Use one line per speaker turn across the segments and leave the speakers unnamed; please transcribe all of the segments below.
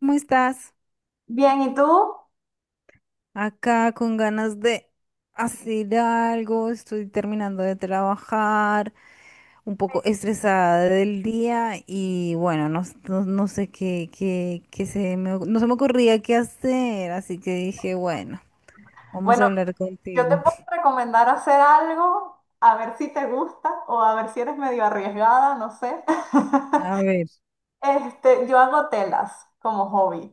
¿Cómo estás?
Bien, ¿y tú?
Acá con ganas de hacer algo, estoy terminando de trabajar, un poco estresada del día y bueno, no, no sé qué se me, no se me ocurría qué hacer, así que dije, bueno, vamos a
Bueno,
hablar
yo te
contigo.
puedo recomendar hacer algo, a ver si te gusta o a ver si eres medio arriesgada, no sé.
A ver,
Yo hago telas como hobby.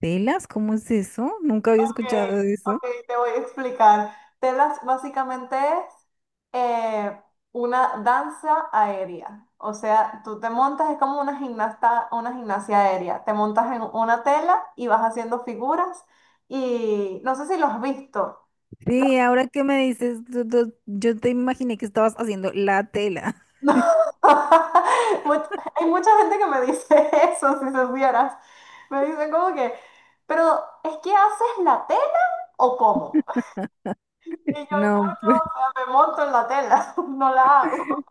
¿telas? ¿Cómo es eso? Nunca había
Ok,
escuchado de eso.
ok, te voy a explicar. Telas básicamente es eh, una danza aérea. O sea, tú te montas, es como una gimnasta, una gimnasia aérea. Te montas en una tela y vas haciendo figuras y no sé si lo has visto.
Sí, ahora que me dices, yo te imaginé que estabas haciendo la tela.
No. Much- hay mucha gente que me dice eso, si supieras. Me dicen como que, pero ¿es que haces la tela o cómo? Y yo, no,
No.
no, o sea, me monto en la tela, no la hago.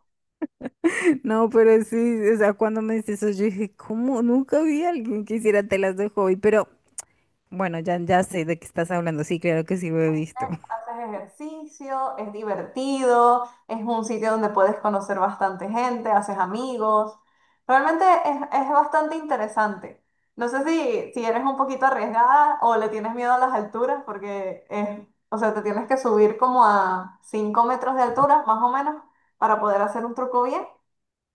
No, pero sí, o sea, cuando me dices eso, yo dije, ¿cómo? Nunca vi a alguien que hiciera telas de hobby, pero bueno, ya sé de qué estás hablando, sí, claro que sí lo he visto.
Haces ejercicio, es divertido, es un sitio donde puedes conocer bastante gente, haces amigos. Realmente es bastante interesante. No sé si eres un poquito arriesgada o le tienes miedo a las alturas, porque es, o sea, te tienes que subir como a 5 metros de altura, más o menos, para poder hacer un truco bien,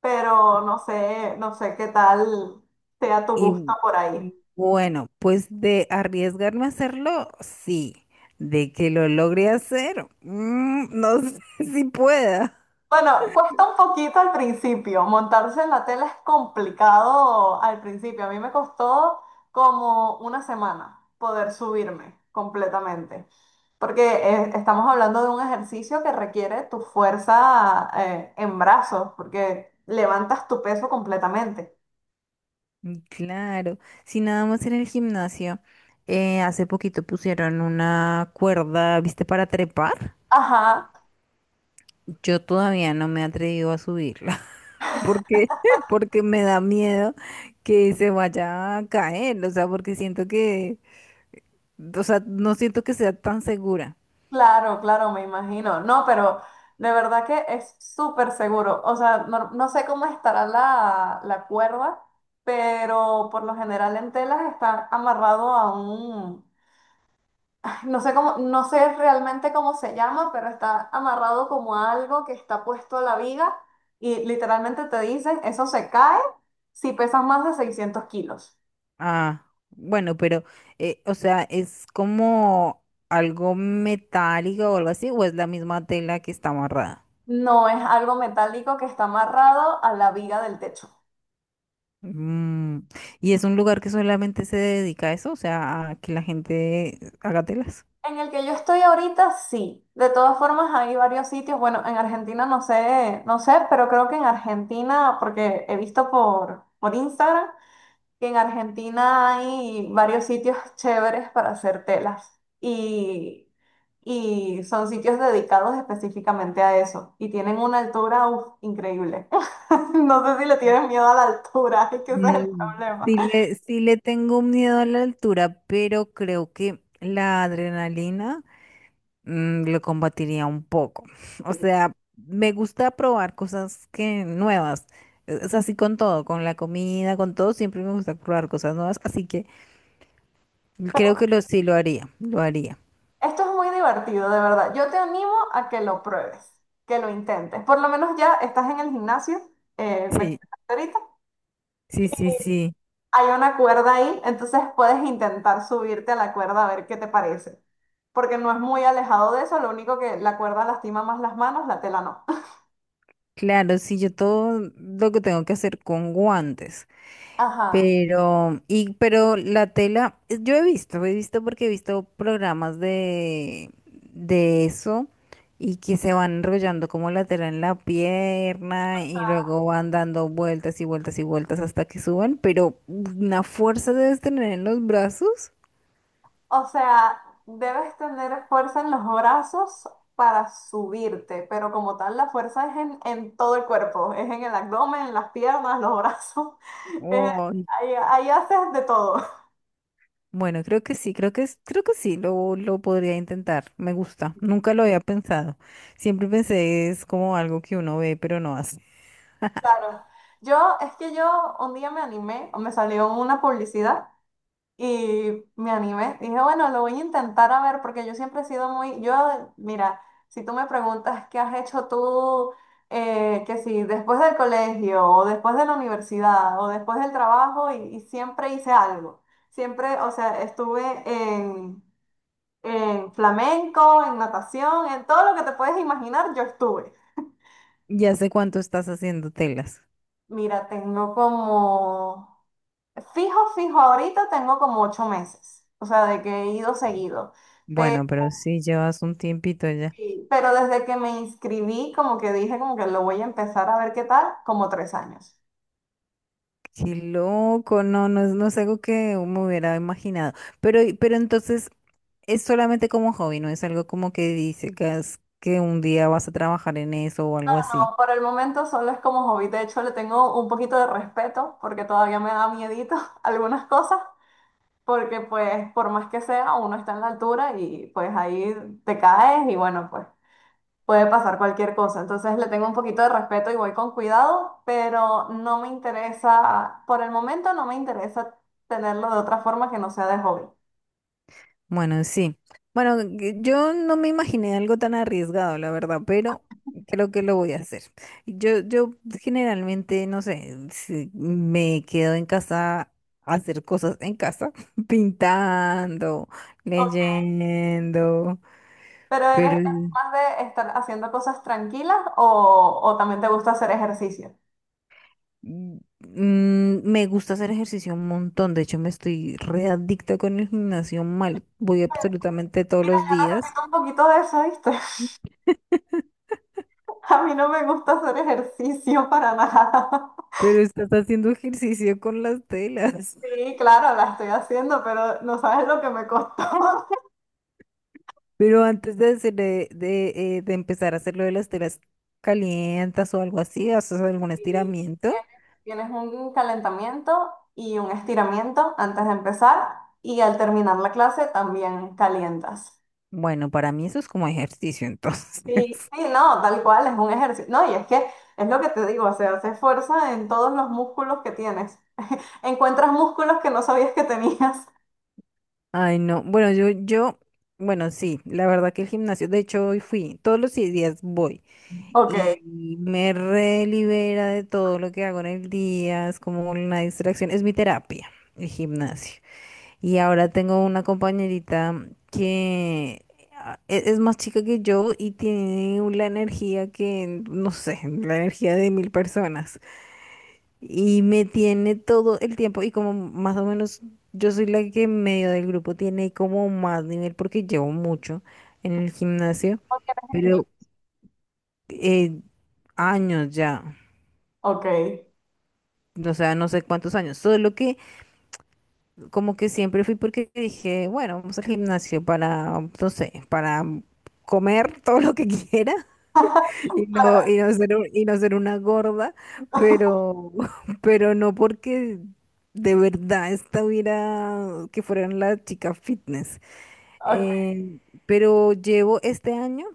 pero no sé, no sé qué tal sea tu gusto
Y
por ahí.
bueno, pues de arriesgarme a hacerlo, sí, de que lo logre hacer, no sé si pueda.
Bueno, cuesta un poquito al principio. Montarse en la tela es complicado al principio. A mí me costó como una semana poder subirme completamente, porque estamos hablando de un ejercicio que requiere tu fuerza en brazos, porque levantas tu peso completamente.
Mm, claro, si nada más en el gimnasio, hace poquito pusieron una cuerda, ¿viste? Para trepar.
Ajá.
Yo todavía no me he atrevido a subirla, porque, porque me da miedo que se vaya a caer, o sea, porque siento que, o sea, no siento que sea tan segura.
Claro, claro, me imagino. No, pero de verdad que es súper seguro. O sea, no, no sé cómo estará la cuerda, pero por lo general en telas está amarrado a un, ay, no sé cómo, no sé realmente cómo se llama, pero está amarrado como a algo que está puesto a la viga y literalmente te dicen, eso se cae si pesas más de 600 kilos.
Ah, bueno, pero, o sea, ¿es como algo metálico o algo así, o es la misma tela que está amarrada?
No, es algo metálico que está amarrado a la viga del techo.
Mm, ¿Y es un lugar que solamente se dedica a eso? O sea, a que la gente haga telas.
En el que yo estoy ahorita, sí. De todas formas, hay varios sitios. Bueno, en Argentina no sé, no sé, pero creo que en Argentina, porque he visto por Instagram, que en Argentina hay varios sitios chéveres para hacer telas. Y son sitios dedicados específicamente a eso. Y tienen una altura, uf, increíble. No sé si le tienen miedo a la altura, es que ese es el
Mm,
problema.
sí le, sí le tengo miedo a la altura, pero creo que la adrenalina lo combatiría un poco. O sea, me gusta probar cosas que nuevas. Es así con todo, con la comida, con todo, siempre me gusta probar cosas nuevas, así que creo que lo sí lo haría, lo haría.
Esto es muy divertido, de verdad. Yo te animo a que lo pruebes, que lo intentes. Por lo menos ya estás en el gimnasio, me
Sí,
comentaste ahorita.
sí, sí, sí.
Hay una cuerda ahí, entonces puedes intentar subirte a la cuerda a ver qué te parece. Porque no es muy alejado de eso, lo único que la cuerda lastima más las manos, la tela no.
Claro, sí, yo todo lo que tengo que hacer con guantes.
Ajá.
Pero, y, pero la tela, yo he visto porque he visto programas de eso y que se van enrollando como la tela en la pierna y luego van dando vueltas y vueltas y vueltas hasta que suben, pero una fuerza debes tener en los brazos.
O sea, debes tener fuerza en los brazos para subirte, pero como tal, la fuerza es en todo el cuerpo, es en el abdomen, en las piernas, los brazos. Eh,
Oh,
ahí, ahí haces de todo.
bueno, creo que sí, creo que es, creo que sí, lo podría intentar, me gusta, nunca lo había pensado, siempre pensé es como algo que uno ve pero no hace.
Claro. Yo, es que yo un día me animé, o me salió una publicidad y me animé. Dije, bueno, lo voy a intentar a ver, porque yo siempre he sido muy, yo, mira, si tú me preguntas qué has hecho tú, que si después del colegio, o después de la universidad, o después del trabajo, y siempre hice algo. Siempre, o sea, en flamenco, en natación, en todo lo que te puedes imaginar, yo estuve.
¿Ya sé cuánto estás haciendo telas?
Mira, tengo como, fijo, fijo, ahorita tengo como 8 meses, o sea, de que he ido seguido, pero,
Bueno, pero sí llevas un tiempito ya.
pero desde que me inscribí, como que dije, como que lo voy a empezar a ver qué tal, como 3 años.
Qué loco, no, no es, no es algo que me hubiera imaginado. Pero entonces es solamente como hobby, no es algo como que dices que, que un día vas a trabajar en eso o algo así.
No, por el momento solo es como hobby, de hecho le tengo un poquito de respeto porque todavía me da miedito algunas cosas, porque pues por más que sea, uno está en la altura y pues ahí te caes y bueno, pues puede pasar cualquier cosa, entonces le tengo un poquito de respeto y voy con cuidado, pero no me interesa, por el momento no me interesa tenerlo de otra forma que no sea de hobby.
Bueno, sí. Bueno, que yo no me imaginé algo tan arriesgado, la verdad, pero creo que lo voy a hacer. Yo generalmente, no sé, si me quedo en casa a hacer cosas en casa, pintando,
O-
leyendo,
¿Pero eres
pero
eres más de estar haciendo cosas tranquilas o también te gusta hacer ejercicio?
mm, me gusta hacer ejercicio un montón. De hecho, me estoy readicta con el gimnasio mal. Voy absolutamente todos
Mira,
los
yo
días,
necesito un poquito de eso, ¿viste? A mí no me gusta hacer ejercicio para nada.
pero estás haciendo ejercicio con las telas.
Sí, claro, la estoy haciendo, pero no sabes lo que me costó.
Pero antes de, de empezar a hacer lo de las telas calientas o algo así, ¿haces algún
Y
estiramiento?
tienes, tienes un calentamiento y un estiramiento antes de empezar y al terminar la clase también calientas.
Bueno, para mí eso es como ejercicio, entonces.
Sí, sí, no, tal cual, es un ejercicio. No, y es que es lo que te digo, o sea, se fuerza en todos los músculos que tienes. Encuentras músculos que no sabías que tenías.
Ay, no. Bueno, bueno, sí, la verdad que el gimnasio, de hecho, hoy fui, todos los días voy
Ok. No
y me relibera de todo lo que hago en el día, es como una distracción, es mi terapia, el gimnasio. Y ahora tengo una compañerita que ah, es más chica que yo y tiene la energía que, no sé, la energía de mil personas. Y me tiene todo el tiempo y como más o menos yo soy la que en medio del grupo tiene como más nivel porque llevo mucho en el gimnasio,
tienes en mí.
pero eh, años ya,
Ok.
o sea, no sé cuántos años, solo que... como que siempre fui porque dije, bueno, vamos al gimnasio para, no sé, para comer todo lo que quiera y
Claro,
no ser, y no ser una gorda, pero, pero no porque de verdad estuviera, que fueran la chica fitness.
ok,
Eh, pero llevo este año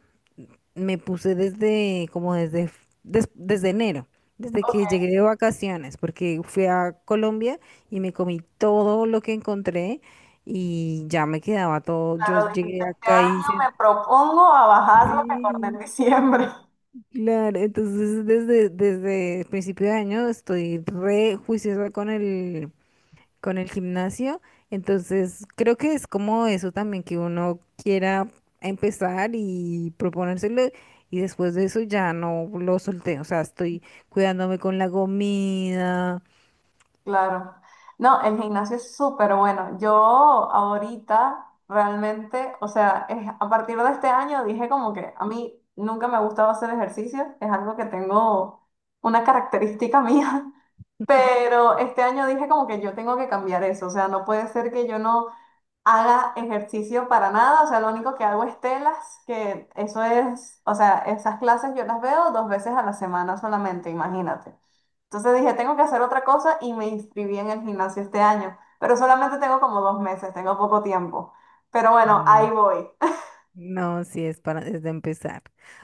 me puse desde, como desde, desde enero, desde que llegué
ok.
de vacaciones, porque fui a Colombia y me comí todo lo que encontré y ya me quedaba todo. Yo
Claro, dijiste,
llegué
este
acá y
año
hice,
me propongo a bajar lo que engordé en
sí,
diciembre.
claro. Entonces, desde, desde principio de año estoy re juiciosa con el gimnasio. Entonces, creo que es como eso también, que uno quiera empezar y proponérselo y después de eso ya no lo solté. O sea, estoy cuidándome con la comida.
Claro. No, el gimnasio es súper bueno. Yo ahorita realmente, o sea, a partir de este año dije como que a mí nunca me ha gustado hacer ejercicio, es algo que tengo una característica mía, pero este año dije como que yo tengo que cambiar eso, o sea, no puede ser que yo no haga ejercicio para nada, o sea, lo único que hago es telas, que eso es, o sea, esas clases yo las veo 2 veces a la semana solamente, imagínate. Entonces dije, tengo que hacer otra cosa y me inscribí en el gimnasio este año, pero solamente tengo como 2 meses, tengo poco tiempo. Pero bueno, ahí
Mm,
voy.
no, si es para desde empezar.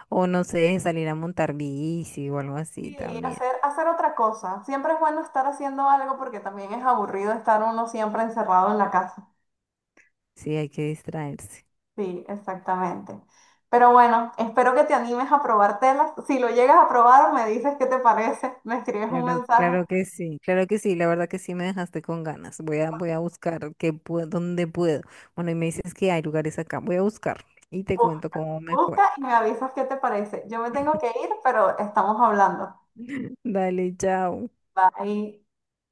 O no sé, salir a montar bici o algo así
Sí,
también.
hacer, hacer otra cosa. Siempre es bueno estar haciendo algo porque también es aburrido estar uno siempre encerrado en la casa.
Sí, hay que distraerse.
Sí, exactamente. Pero bueno, espero que te animes a probar telas. Si lo llegas a probar, me dices qué te parece, me escribes un
Claro,
mensaje,
claro que sí, la verdad que sí me dejaste con ganas. Voy a, voy a buscar qué puedo, dónde puedo. Bueno, y me dices que hay lugares acá, voy a buscar y te
bu-
cuento cómo me fue.
busca y me avisas qué te parece. Yo me tengo que ir, pero estamos hablando.
Dale, chao.
Bye.